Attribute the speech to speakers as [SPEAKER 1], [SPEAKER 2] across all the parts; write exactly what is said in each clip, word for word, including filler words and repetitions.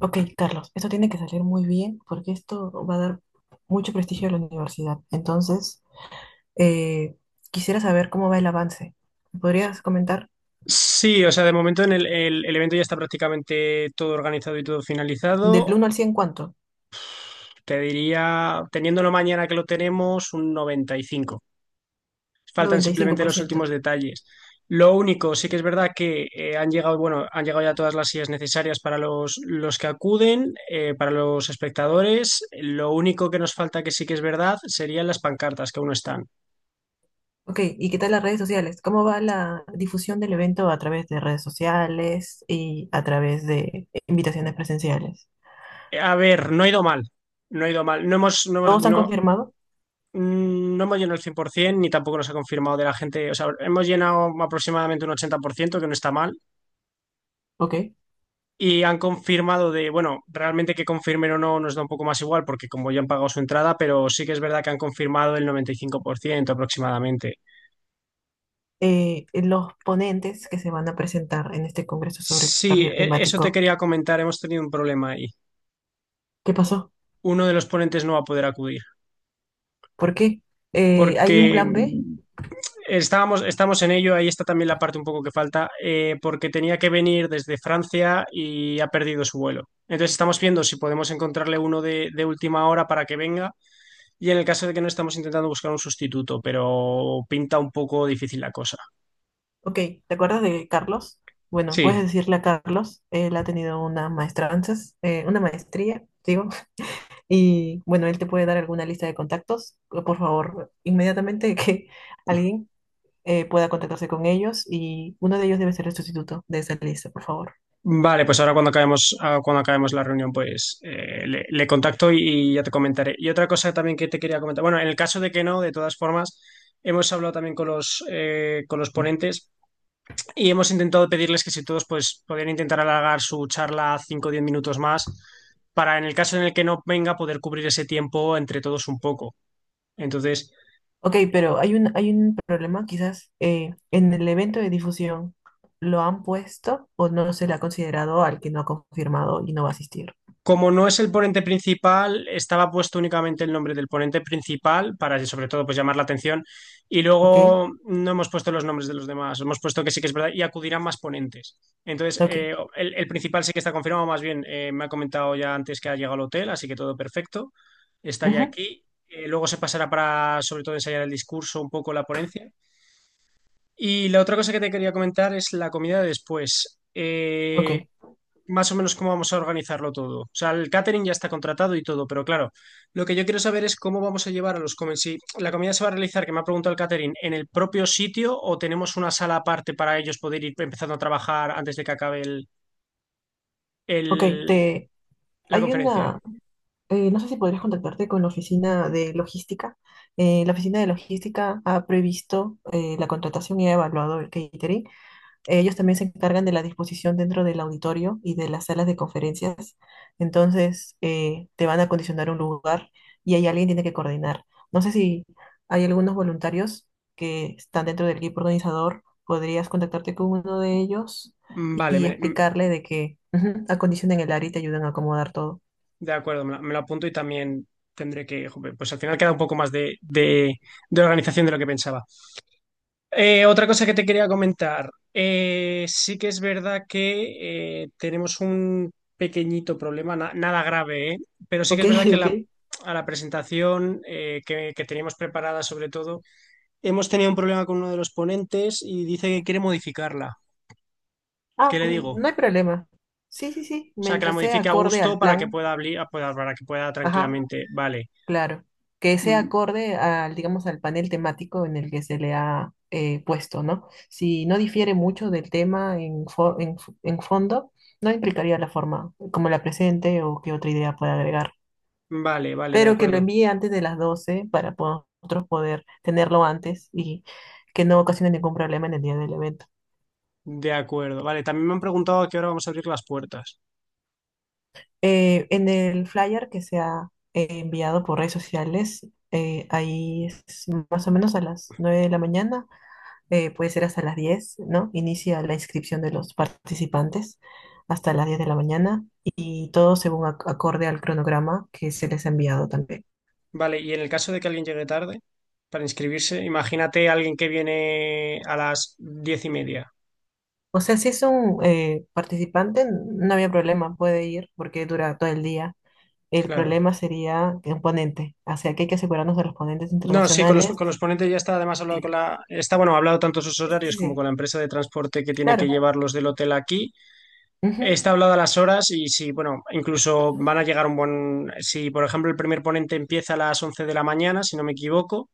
[SPEAKER 1] Ok, Carlos, esto tiene que salir muy bien porque esto va a dar mucho prestigio a la universidad. Entonces, eh, quisiera saber cómo va el avance. ¿Me ¿Podrías comentar?
[SPEAKER 2] Sí, o sea, de momento en el, el- el evento ya está prácticamente todo organizado y todo finalizado.
[SPEAKER 1] Del uno al cien, ¿cuánto?
[SPEAKER 2] Te diría, teniéndolo mañana que lo tenemos, un noventa y cinco. Faltan
[SPEAKER 1] Noventa y cinco
[SPEAKER 2] simplemente
[SPEAKER 1] por
[SPEAKER 2] los
[SPEAKER 1] ciento.
[SPEAKER 2] últimos detalles. Lo único, sí que es verdad que eh, han llegado, bueno, han llegado ya todas las sillas necesarias para los, los que acuden, eh, para los espectadores. Lo único que nos falta que sí que es verdad serían las pancartas que aún no están.
[SPEAKER 1] Ok, ¿y qué tal las redes sociales? ¿Cómo va la difusión del evento a través de redes sociales y a través de invitaciones presenciales?
[SPEAKER 2] A ver, no ha ido mal. No ha ido mal. No hemos, no hemos-
[SPEAKER 1] Todos han
[SPEAKER 2] no-
[SPEAKER 1] confirmado,
[SPEAKER 2] Mm, No hemos llenado el cien por ciento, ni tampoco nos ha confirmado de la gente. O sea, hemos llenado aproximadamente un ochenta por ciento, que no está mal.
[SPEAKER 1] ok.
[SPEAKER 2] Y han confirmado de, bueno, realmente que confirmen o no nos da un poco más igual, porque como ya han pagado su entrada, pero sí que es verdad que han confirmado el noventa y cinco por ciento aproximadamente.
[SPEAKER 1] Eh, los ponentes que se van a presentar en este congreso sobre el
[SPEAKER 2] Sí,
[SPEAKER 1] cambio
[SPEAKER 2] e- eso te
[SPEAKER 1] climático,
[SPEAKER 2] quería comentar. Hemos tenido un problema ahí.
[SPEAKER 1] ¿qué pasó?
[SPEAKER 2] Uno de los ponentes no va a poder acudir,
[SPEAKER 1] ¿Por qué? Eh, ¿hay un
[SPEAKER 2] porque
[SPEAKER 1] plan B?
[SPEAKER 2] mm, Estábamos, estamos en ello, ahí está también la parte un poco que falta, eh, porque tenía que venir desde Francia y ha perdido su vuelo. Entonces estamos viendo si podemos encontrarle uno de, de última hora para que venga, y en el caso de que no, estamos intentando buscar un sustituto, pero pinta un poco difícil la cosa.
[SPEAKER 1] Ok, ¿te acuerdas de Carlos? Bueno, puedes
[SPEAKER 2] Sí,
[SPEAKER 1] decirle a Carlos, él ha tenido una maestranza, eh, una maestría, digo, y bueno, él te puede dar alguna lista de contactos. Por favor, inmediatamente que alguien eh, pueda contactarse con ellos y uno de ellos debe ser el sustituto de esa lista, por favor.
[SPEAKER 2] vale, pues ahora cuando acabemos, ah, cuando acabemos la reunión, pues eh, le, le contacto y, y ya te comentaré. Y otra cosa también que te quería comentar, bueno, en el caso de que no, de todas formas... Hemos hablado también con los, eh, con los ponentes, y hemos intentado pedirles que si todos pues podían intentar alargar su charla cinco o 10 minutos más, para en el caso en el que no venga poder cubrir ese tiempo entre todos un poco. Entonces,
[SPEAKER 1] Ok, pero hay un, hay un problema, quizás eh, en el evento de difusión lo han puesto o no se le ha considerado al que no ha confirmado y no va a asistir.
[SPEAKER 2] como no es el ponente principal, estaba puesto únicamente el nombre del ponente principal para, sobre todo, pues llamar la atención. Y
[SPEAKER 1] Ok,
[SPEAKER 2] luego no hemos puesto los nombres de los demás. Hemos puesto que sí que es verdad y acudirán más ponentes. Entonces,
[SPEAKER 1] ok,
[SPEAKER 2] eh, el, el principal sí que está confirmado. Más bien, eh, me ha comentado ya antes que ha llegado al hotel, así que todo perfecto. Está ya
[SPEAKER 1] ujú,
[SPEAKER 2] aquí. Eh, luego se pasará para, sobre todo, ensayar el discurso, un poco la ponencia. Y la otra cosa que te quería comentar es la comida de después.
[SPEAKER 1] ok,
[SPEAKER 2] Eh, más o menos cómo vamos a organizarlo todo. O sea, el catering ya está contratado y todo, pero claro, lo que yo quiero saber es cómo vamos a llevar a los comensales. Si la comida se va a realizar, que me ha preguntado el catering, ¿en el propio sitio o tenemos una sala aparte para ellos poder ir empezando a trabajar antes de que acabe el,
[SPEAKER 1] ok.
[SPEAKER 2] el-
[SPEAKER 1] Te,
[SPEAKER 2] la
[SPEAKER 1] hay
[SPEAKER 2] conferencia?
[SPEAKER 1] una, eh, no sé si podrías contactarte con la oficina de logística. Eh, la oficina de logística ha previsto eh, la contratación y ha evaluado el catering. Ellos también se encargan de la disposición dentro del auditorio y de las salas de conferencias. Entonces, eh, te van a condicionar un lugar y ahí alguien tiene que coordinar. No sé si hay algunos voluntarios que están dentro del equipo organizador. Podrías contactarte con uno de ellos
[SPEAKER 2] Mm, vale,
[SPEAKER 1] y
[SPEAKER 2] me- mm,
[SPEAKER 1] explicarle de que, ujú, acondicionen el área y te ayudan a acomodar todo.
[SPEAKER 2] de acuerdo, me lo, me lo apunto y también tendré que... Jope, pues al final queda un poco más de de- de organización de lo que pensaba. Eh, otra cosa que te quería comentar. Eh, sí que es verdad que eh, tenemos un pequeñito problema, na- nada grave, ¿eh? Pero sí que
[SPEAKER 1] Ok,
[SPEAKER 2] es verdad que
[SPEAKER 1] ok.
[SPEAKER 2] la, a la presentación eh, que, que teníamos preparada, sobre todo, hemos tenido un problema con uno de los ponentes y dice que quiere modificarla. ¿Qué
[SPEAKER 1] Ah,
[SPEAKER 2] le digo?
[SPEAKER 1] n-
[SPEAKER 2] O
[SPEAKER 1] no hay problema. Sí, sí, sí.
[SPEAKER 2] sea, que la
[SPEAKER 1] Mientras sea
[SPEAKER 2] modifique a
[SPEAKER 1] acorde
[SPEAKER 2] gusto
[SPEAKER 1] al
[SPEAKER 2] para que
[SPEAKER 1] plan.
[SPEAKER 2] pueda, habli- pueda- para que pueda
[SPEAKER 1] Ajá.
[SPEAKER 2] tranquilamente. Vale.
[SPEAKER 1] Claro, que sea
[SPEAKER 2] Mm,
[SPEAKER 1] acorde al, digamos, al panel temático en el que se le ha eh, puesto, ¿no? Si no difiere mucho del tema en, fo- en, f- en fondo, no implicaría la forma como la presente o qué otra idea pueda agregar,
[SPEAKER 2] Vale, vale, de
[SPEAKER 1] pero que lo
[SPEAKER 2] acuerdo.
[SPEAKER 1] envíe antes de las doce para po- nosotros poder tenerlo antes y que no ocasione ningún problema en el día del evento.
[SPEAKER 2] De acuerdo. Vale, también me han preguntado a qué hora vamos a abrir las puertas.
[SPEAKER 1] Eh, en el flyer que se ha eh, enviado por redes sociales, eh, ahí es más o menos a las nueve de la mañana, eh, puede ser hasta las diez, ¿no? Inicia la inscripción de los participantes hasta las diez de la mañana y todo según ac- acorde al cronograma que se les ha enviado también.
[SPEAKER 2] Vale, y en el caso de que alguien llegue tarde para inscribirse, imagínate a alguien que viene a las diez y media.
[SPEAKER 1] O sea, si es un eh, participante, no había problema, puede ir porque dura todo el día. El
[SPEAKER 2] Claro.
[SPEAKER 1] problema sería un ponente, o sea, que hay que asegurarnos de los ponentes
[SPEAKER 2] No, sí, con los,
[SPEAKER 1] internacionales.
[SPEAKER 2] con los ponentes ya está, además hablado con
[SPEAKER 1] Sí,
[SPEAKER 2] la, está, bueno, ha hablado tanto sus
[SPEAKER 1] sí,
[SPEAKER 2] horarios
[SPEAKER 1] sí,
[SPEAKER 2] como con
[SPEAKER 1] sí,
[SPEAKER 2] la empresa de transporte que tiene que
[SPEAKER 1] claro,
[SPEAKER 2] llevarlos del hotel aquí.
[SPEAKER 1] ujú,
[SPEAKER 2] Está hablado a las horas y si, bueno, incluso van a llegar un buen, si por ejemplo el primer ponente empieza a las once de la mañana, si no me equivoco,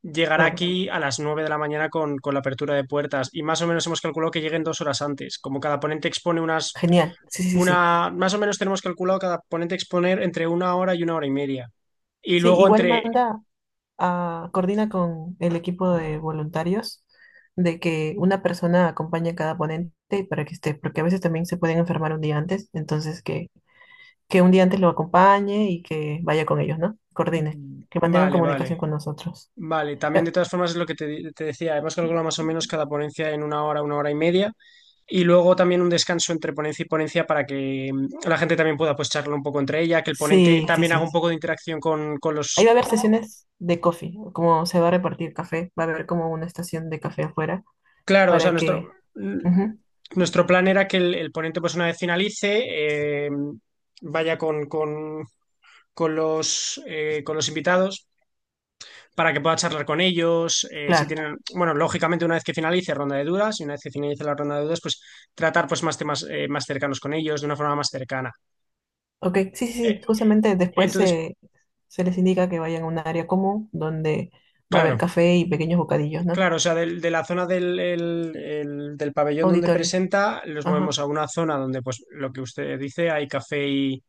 [SPEAKER 2] llegará
[SPEAKER 1] claro,
[SPEAKER 2] aquí a las nueve de la mañana con, con la apertura de puertas, y más o menos hemos calculado que lleguen dos horas antes. Como cada ponente expone unas
[SPEAKER 1] genial, sí, sí, sí, sí.
[SPEAKER 2] una, más o menos tenemos calculado cada ponente exponer entre una hora y una hora y media. Y
[SPEAKER 1] Sí,
[SPEAKER 2] luego
[SPEAKER 1] igual
[SPEAKER 2] entre,
[SPEAKER 1] manda, ah, coordina con el equipo de voluntarios de que una persona acompañe a cada ponente para que esté, porque a veces también se pueden enfermar un día antes, entonces que, que un día antes lo acompañe y que vaya con ellos, ¿no? Coordine, que mantengan
[SPEAKER 2] vale,
[SPEAKER 1] comunicación
[SPEAKER 2] vale,
[SPEAKER 1] con nosotros.
[SPEAKER 2] vale. También de
[SPEAKER 1] Eh,
[SPEAKER 2] todas formas es lo que te, te decía, hemos calculado más o menos cada ponencia en una hora, una hora y media. Y luego también un descanso entre ponencia y ponencia para que mm, la gente también pueda pues charlar un poco entre ella, que el ponente
[SPEAKER 1] sí, sí,
[SPEAKER 2] también haga un
[SPEAKER 1] sí.
[SPEAKER 2] poco de interacción con, con
[SPEAKER 1] Ahí
[SPEAKER 2] los...
[SPEAKER 1] va a haber sesiones de coffee, como se va a repartir café, va a haber como una estación de café afuera
[SPEAKER 2] Claro, o sea,
[SPEAKER 1] para
[SPEAKER 2] nuestro,
[SPEAKER 1] que...
[SPEAKER 2] mm,
[SPEAKER 1] Ujú,
[SPEAKER 2] nuestro plan era que el, el ponente pues una vez finalice, eh, vaya con, con con los, eh, con los invitados para que pueda charlar con ellos. Eh, si
[SPEAKER 1] claro.
[SPEAKER 2] tienen, bueno, lógicamente una vez que finalice ronda de dudas y una vez que finalice la ronda de dudas, pues tratar pues más temas eh, más cercanos con ellos de una forma más cercana.
[SPEAKER 1] Ok, sí, sí, sí, justamente después
[SPEAKER 2] Entonces,
[SPEAKER 1] se, se les indica que vayan a un área común donde va a haber
[SPEAKER 2] claro,
[SPEAKER 1] café y pequeños bocadillos, ¿no?
[SPEAKER 2] claro, o sea, del- de, la zona del, el- el- del pabellón donde
[SPEAKER 1] Auditorio,
[SPEAKER 2] presenta, los
[SPEAKER 1] ajá,
[SPEAKER 2] movemos a una zona donde pues lo que usted dice, hay café y,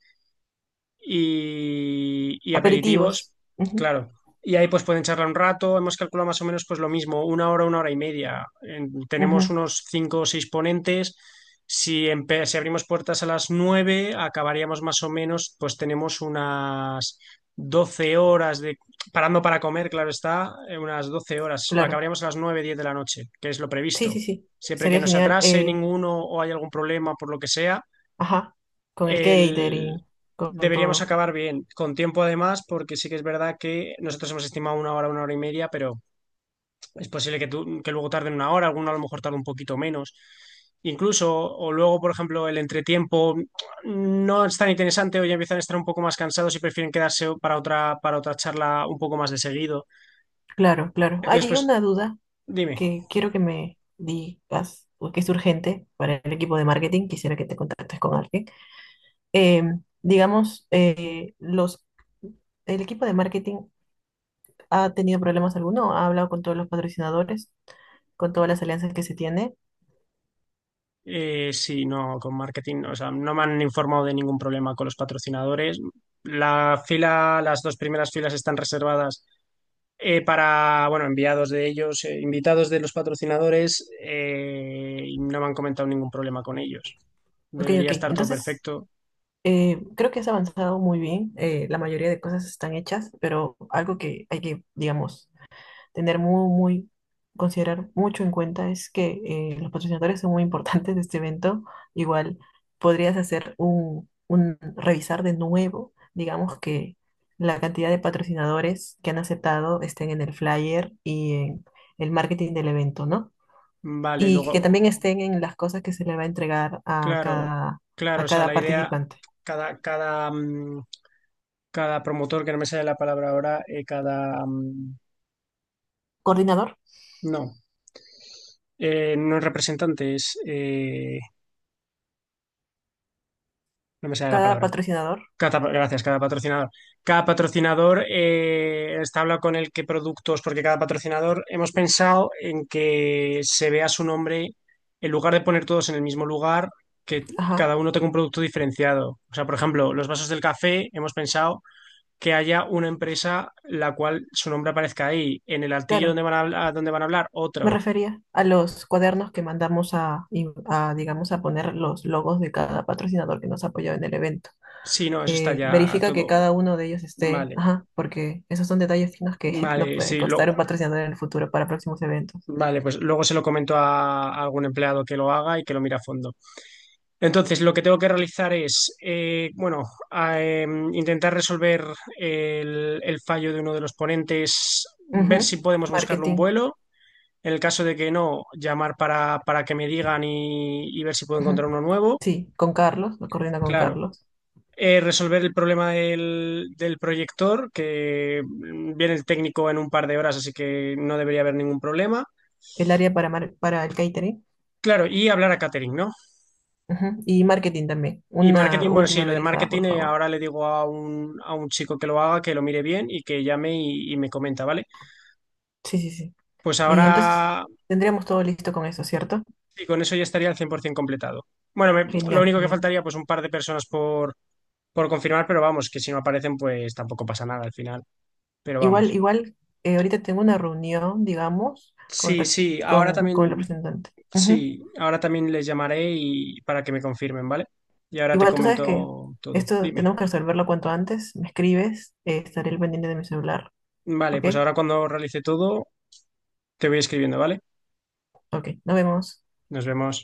[SPEAKER 2] y, y
[SPEAKER 1] aperitivos,
[SPEAKER 2] aperitivos,
[SPEAKER 1] ujú,
[SPEAKER 2] claro. Y ahí pues pueden charlar un rato, hemos calculado más o menos pues lo mismo, una hora, una hora y media. En- tenemos
[SPEAKER 1] ujú,
[SPEAKER 2] unos cinco o seis ponentes. Si, empe- si abrimos puertas a las nueve, acabaríamos más o menos, pues tenemos unas doce horas de, parando para comer, claro está, eh, unas doce horas.
[SPEAKER 1] claro,
[SPEAKER 2] Acabaríamos a las nueve, diez de la noche, que es lo
[SPEAKER 1] sí,
[SPEAKER 2] previsto.
[SPEAKER 1] sí, sí,
[SPEAKER 2] Siempre que
[SPEAKER 1] estaría
[SPEAKER 2] no se
[SPEAKER 1] genial,
[SPEAKER 2] atrase
[SPEAKER 1] eh,
[SPEAKER 2] ninguno o hay algún problema por lo que sea,
[SPEAKER 1] ajá, con el
[SPEAKER 2] el-
[SPEAKER 1] catering, con,
[SPEAKER 2] deberíamos
[SPEAKER 1] todo,
[SPEAKER 2] acabar bien, con tiempo además, porque sí que es verdad que nosotros hemos estimado una hora, una hora y media, pero es posible que, tú- que luego tarden una hora, alguno a lo mejor tarde un poquito menos. Incluso, o luego, por ejemplo, el entretiempo no es tan interesante o ya empiezan a estar un poco más cansados y prefieren quedarse para otra, para otra charla un poco más de seguido.
[SPEAKER 1] claro, claro.
[SPEAKER 2] Entonces,
[SPEAKER 1] Hay
[SPEAKER 2] pues,
[SPEAKER 1] una duda
[SPEAKER 2] dime,
[SPEAKER 1] que quiero que me digas, porque es urgente para el equipo de marketing, quisiera que te contactes con alguien. Em, digamos, eh, los... ¿El equipo de marketing ha tenido problemas alguno? ¿Ha hablado con todos los patrocinadores, con todas las alianzas que se tiene?
[SPEAKER 2] eh, si no, con marketing, o sea, no me han informado de ningún problema con los patrocinadores. La fila, las dos primeras filas están reservadas eh, para, bueno, enviados de ellos, eh, invitados de los patrocinadores, eh, y no me han comentado ningún problema con ellos.
[SPEAKER 1] Ok,
[SPEAKER 2] Debería
[SPEAKER 1] ok.
[SPEAKER 2] estar todo
[SPEAKER 1] Entonces,
[SPEAKER 2] perfecto.
[SPEAKER 1] eh, creo que has avanzado muy bien. Eh, la mayoría de cosas están hechas, pero algo que hay que, digamos, tener muy, muy, considerar mucho en cuenta es que eh, los patrocinadores son muy importantes de este evento. Igual podrías hacer un, un, revisar de nuevo, digamos que la cantidad de patrocinadores que han aceptado estén en el flyer y en el marketing del evento, ¿no?
[SPEAKER 2] Vale,
[SPEAKER 1] Y que también
[SPEAKER 2] luego,
[SPEAKER 1] estén en las cosas que se le va a entregar a
[SPEAKER 2] claro,
[SPEAKER 1] cada,
[SPEAKER 2] claro,
[SPEAKER 1] a
[SPEAKER 2] o sea,
[SPEAKER 1] cada
[SPEAKER 2] la idea,
[SPEAKER 1] participante.
[SPEAKER 2] cada, cada, mm, cada promotor, que no me sale la palabra ahora, eh, cada, mm,
[SPEAKER 1] Coordinador,
[SPEAKER 2] no, eh, no es representante, es, eh, no me sale la
[SPEAKER 1] cada
[SPEAKER 2] palabra.
[SPEAKER 1] patrocinador,
[SPEAKER 2] Cada, gracias, cada patrocinador. Cada patrocinador eh, está hablado con el qué productos, porque cada patrocinador hemos pensado en que se vea su nombre en lugar de poner todos en el mismo lugar, que
[SPEAKER 1] ajá,
[SPEAKER 2] cada uno tenga un producto diferenciado. O sea, por ejemplo, los vasos del café, hemos pensado que haya una empresa la cual su nombre aparezca ahí, en el altillo
[SPEAKER 1] claro.
[SPEAKER 2] donde van a, habla- donde van a hablar,
[SPEAKER 1] Me
[SPEAKER 2] otro.
[SPEAKER 1] refería a los cuadernos que mandamos a, y- a, digamos, a poner los logos de cada patrocinador que nos apoyó en el evento.
[SPEAKER 2] Sí, no, eso está
[SPEAKER 1] Eh,
[SPEAKER 2] ya
[SPEAKER 1] verifica que
[SPEAKER 2] todo.
[SPEAKER 1] cada uno de ellos esté,
[SPEAKER 2] Vale,
[SPEAKER 1] ajá, porque esos son detalles finos que nos
[SPEAKER 2] vale,
[SPEAKER 1] puede
[SPEAKER 2] sí, lo,
[SPEAKER 1] costar un patrocinador en el futuro para próximos eventos.
[SPEAKER 2] vale, pues luego se lo comento a, a algún empleado que lo haga y que lo mire a fondo. Entonces, lo que tengo que realizar es, eh, bueno, a, em, intentar resolver el, el fallo de uno de los ponentes, ver
[SPEAKER 1] Ujú.
[SPEAKER 2] si podemos buscarle un
[SPEAKER 1] Marketing.
[SPEAKER 2] vuelo. En el caso de que no, llamar para, para que me digan y, y ver si puedo
[SPEAKER 1] Ujú.
[SPEAKER 2] encontrar uno nuevo.
[SPEAKER 1] Sí, con Carlos, lo coordina con
[SPEAKER 2] Claro.
[SPEAKER 1] Carlos.
[SPEAKER 2] Eh, resolver el problema del, del proyector, que mm, viene el técnico en un par de horas, así que no debería haber ningún problema.
[SPEAKER 1] El área para, mar- para el catering.
[SPEAKER 2] Claro, y hablar a catering, ¿no?
[SPEAKER 1] Ujú, y marketing también.
[SPEAKER 2] Y
[SPEAKER 1] Una
[SPEAKER 2] marketing, bueno, sí,
[SPEAKER 1] última
[SPEAKER 2] lo de
[SPEAKER 1] verificada,
[SPEAKER 2] marketing
[SPEAKER 1] por
[SPEAKER 2] eh,
[SPEAKER 1] favor.
[SPEAKER 2] ahora le digo a un, a un chico que lo haga, que lo mire bien y que llame y, y me comenta, ¿vale?
[SPEAKER 1] Sí, sí, sí.
[SPEAKER 2] Pues
[SPEAKER 1] Y entonces
[SPEAKER 2] ahora,
[SPEAKER 1] tendríamos todo listo con eso, ¿cierto?
[SPEAKER 2] y con eso ya estaría al cien por ciento completado. Bueno, me- lo
[SPEAKER 1] Genial,
[SPEAKER 2] único que
[SPEAKER 1] genial.
[SPEAKER 2] faltaría, pues un par de personas por, por confirmar, pero vamos, que si no aparecen, pues tampoco pasa nada al final, pero
[SPEAKER 1] Igual,
[SPEAKER 2] vamos.
[SPEAKER 1] igual, eh, ahorita tengo una reunión, digamos, con,
[SPEAKER 2] Sí,
[SPEAKER 1] re-
[SPEAKER 2] sí, ahora
[SPEAKER 1] con, con el
[SPEAKER 2] también,
[SPEAKER 1] representante. Ujú.
[SPEAKER 2] sí, ahora también les llamaré y para que me confirmen, ¿vale? Y ahora te
[SPEAKER 1] Igual tú sabes que
[SPEAKER 2] comento todo.
[SPEAKER 1] esto
[SPEAKER 2] Dime.
[SPEAKER 1] tenemos que resolverlo cuanto antes. Me escribes, eh, estaré al pendiente de mi celular.
[SPEAKER 2] Vale,
[SPEAKER 1] ¿Ok?
[SPEAKER 2] pues ahora cuando realice todo, te voy escribiendo, ¿vale?
[SPEAKER 1] Ok, nos vemos.
[SPEAKER 2] Nos vemos.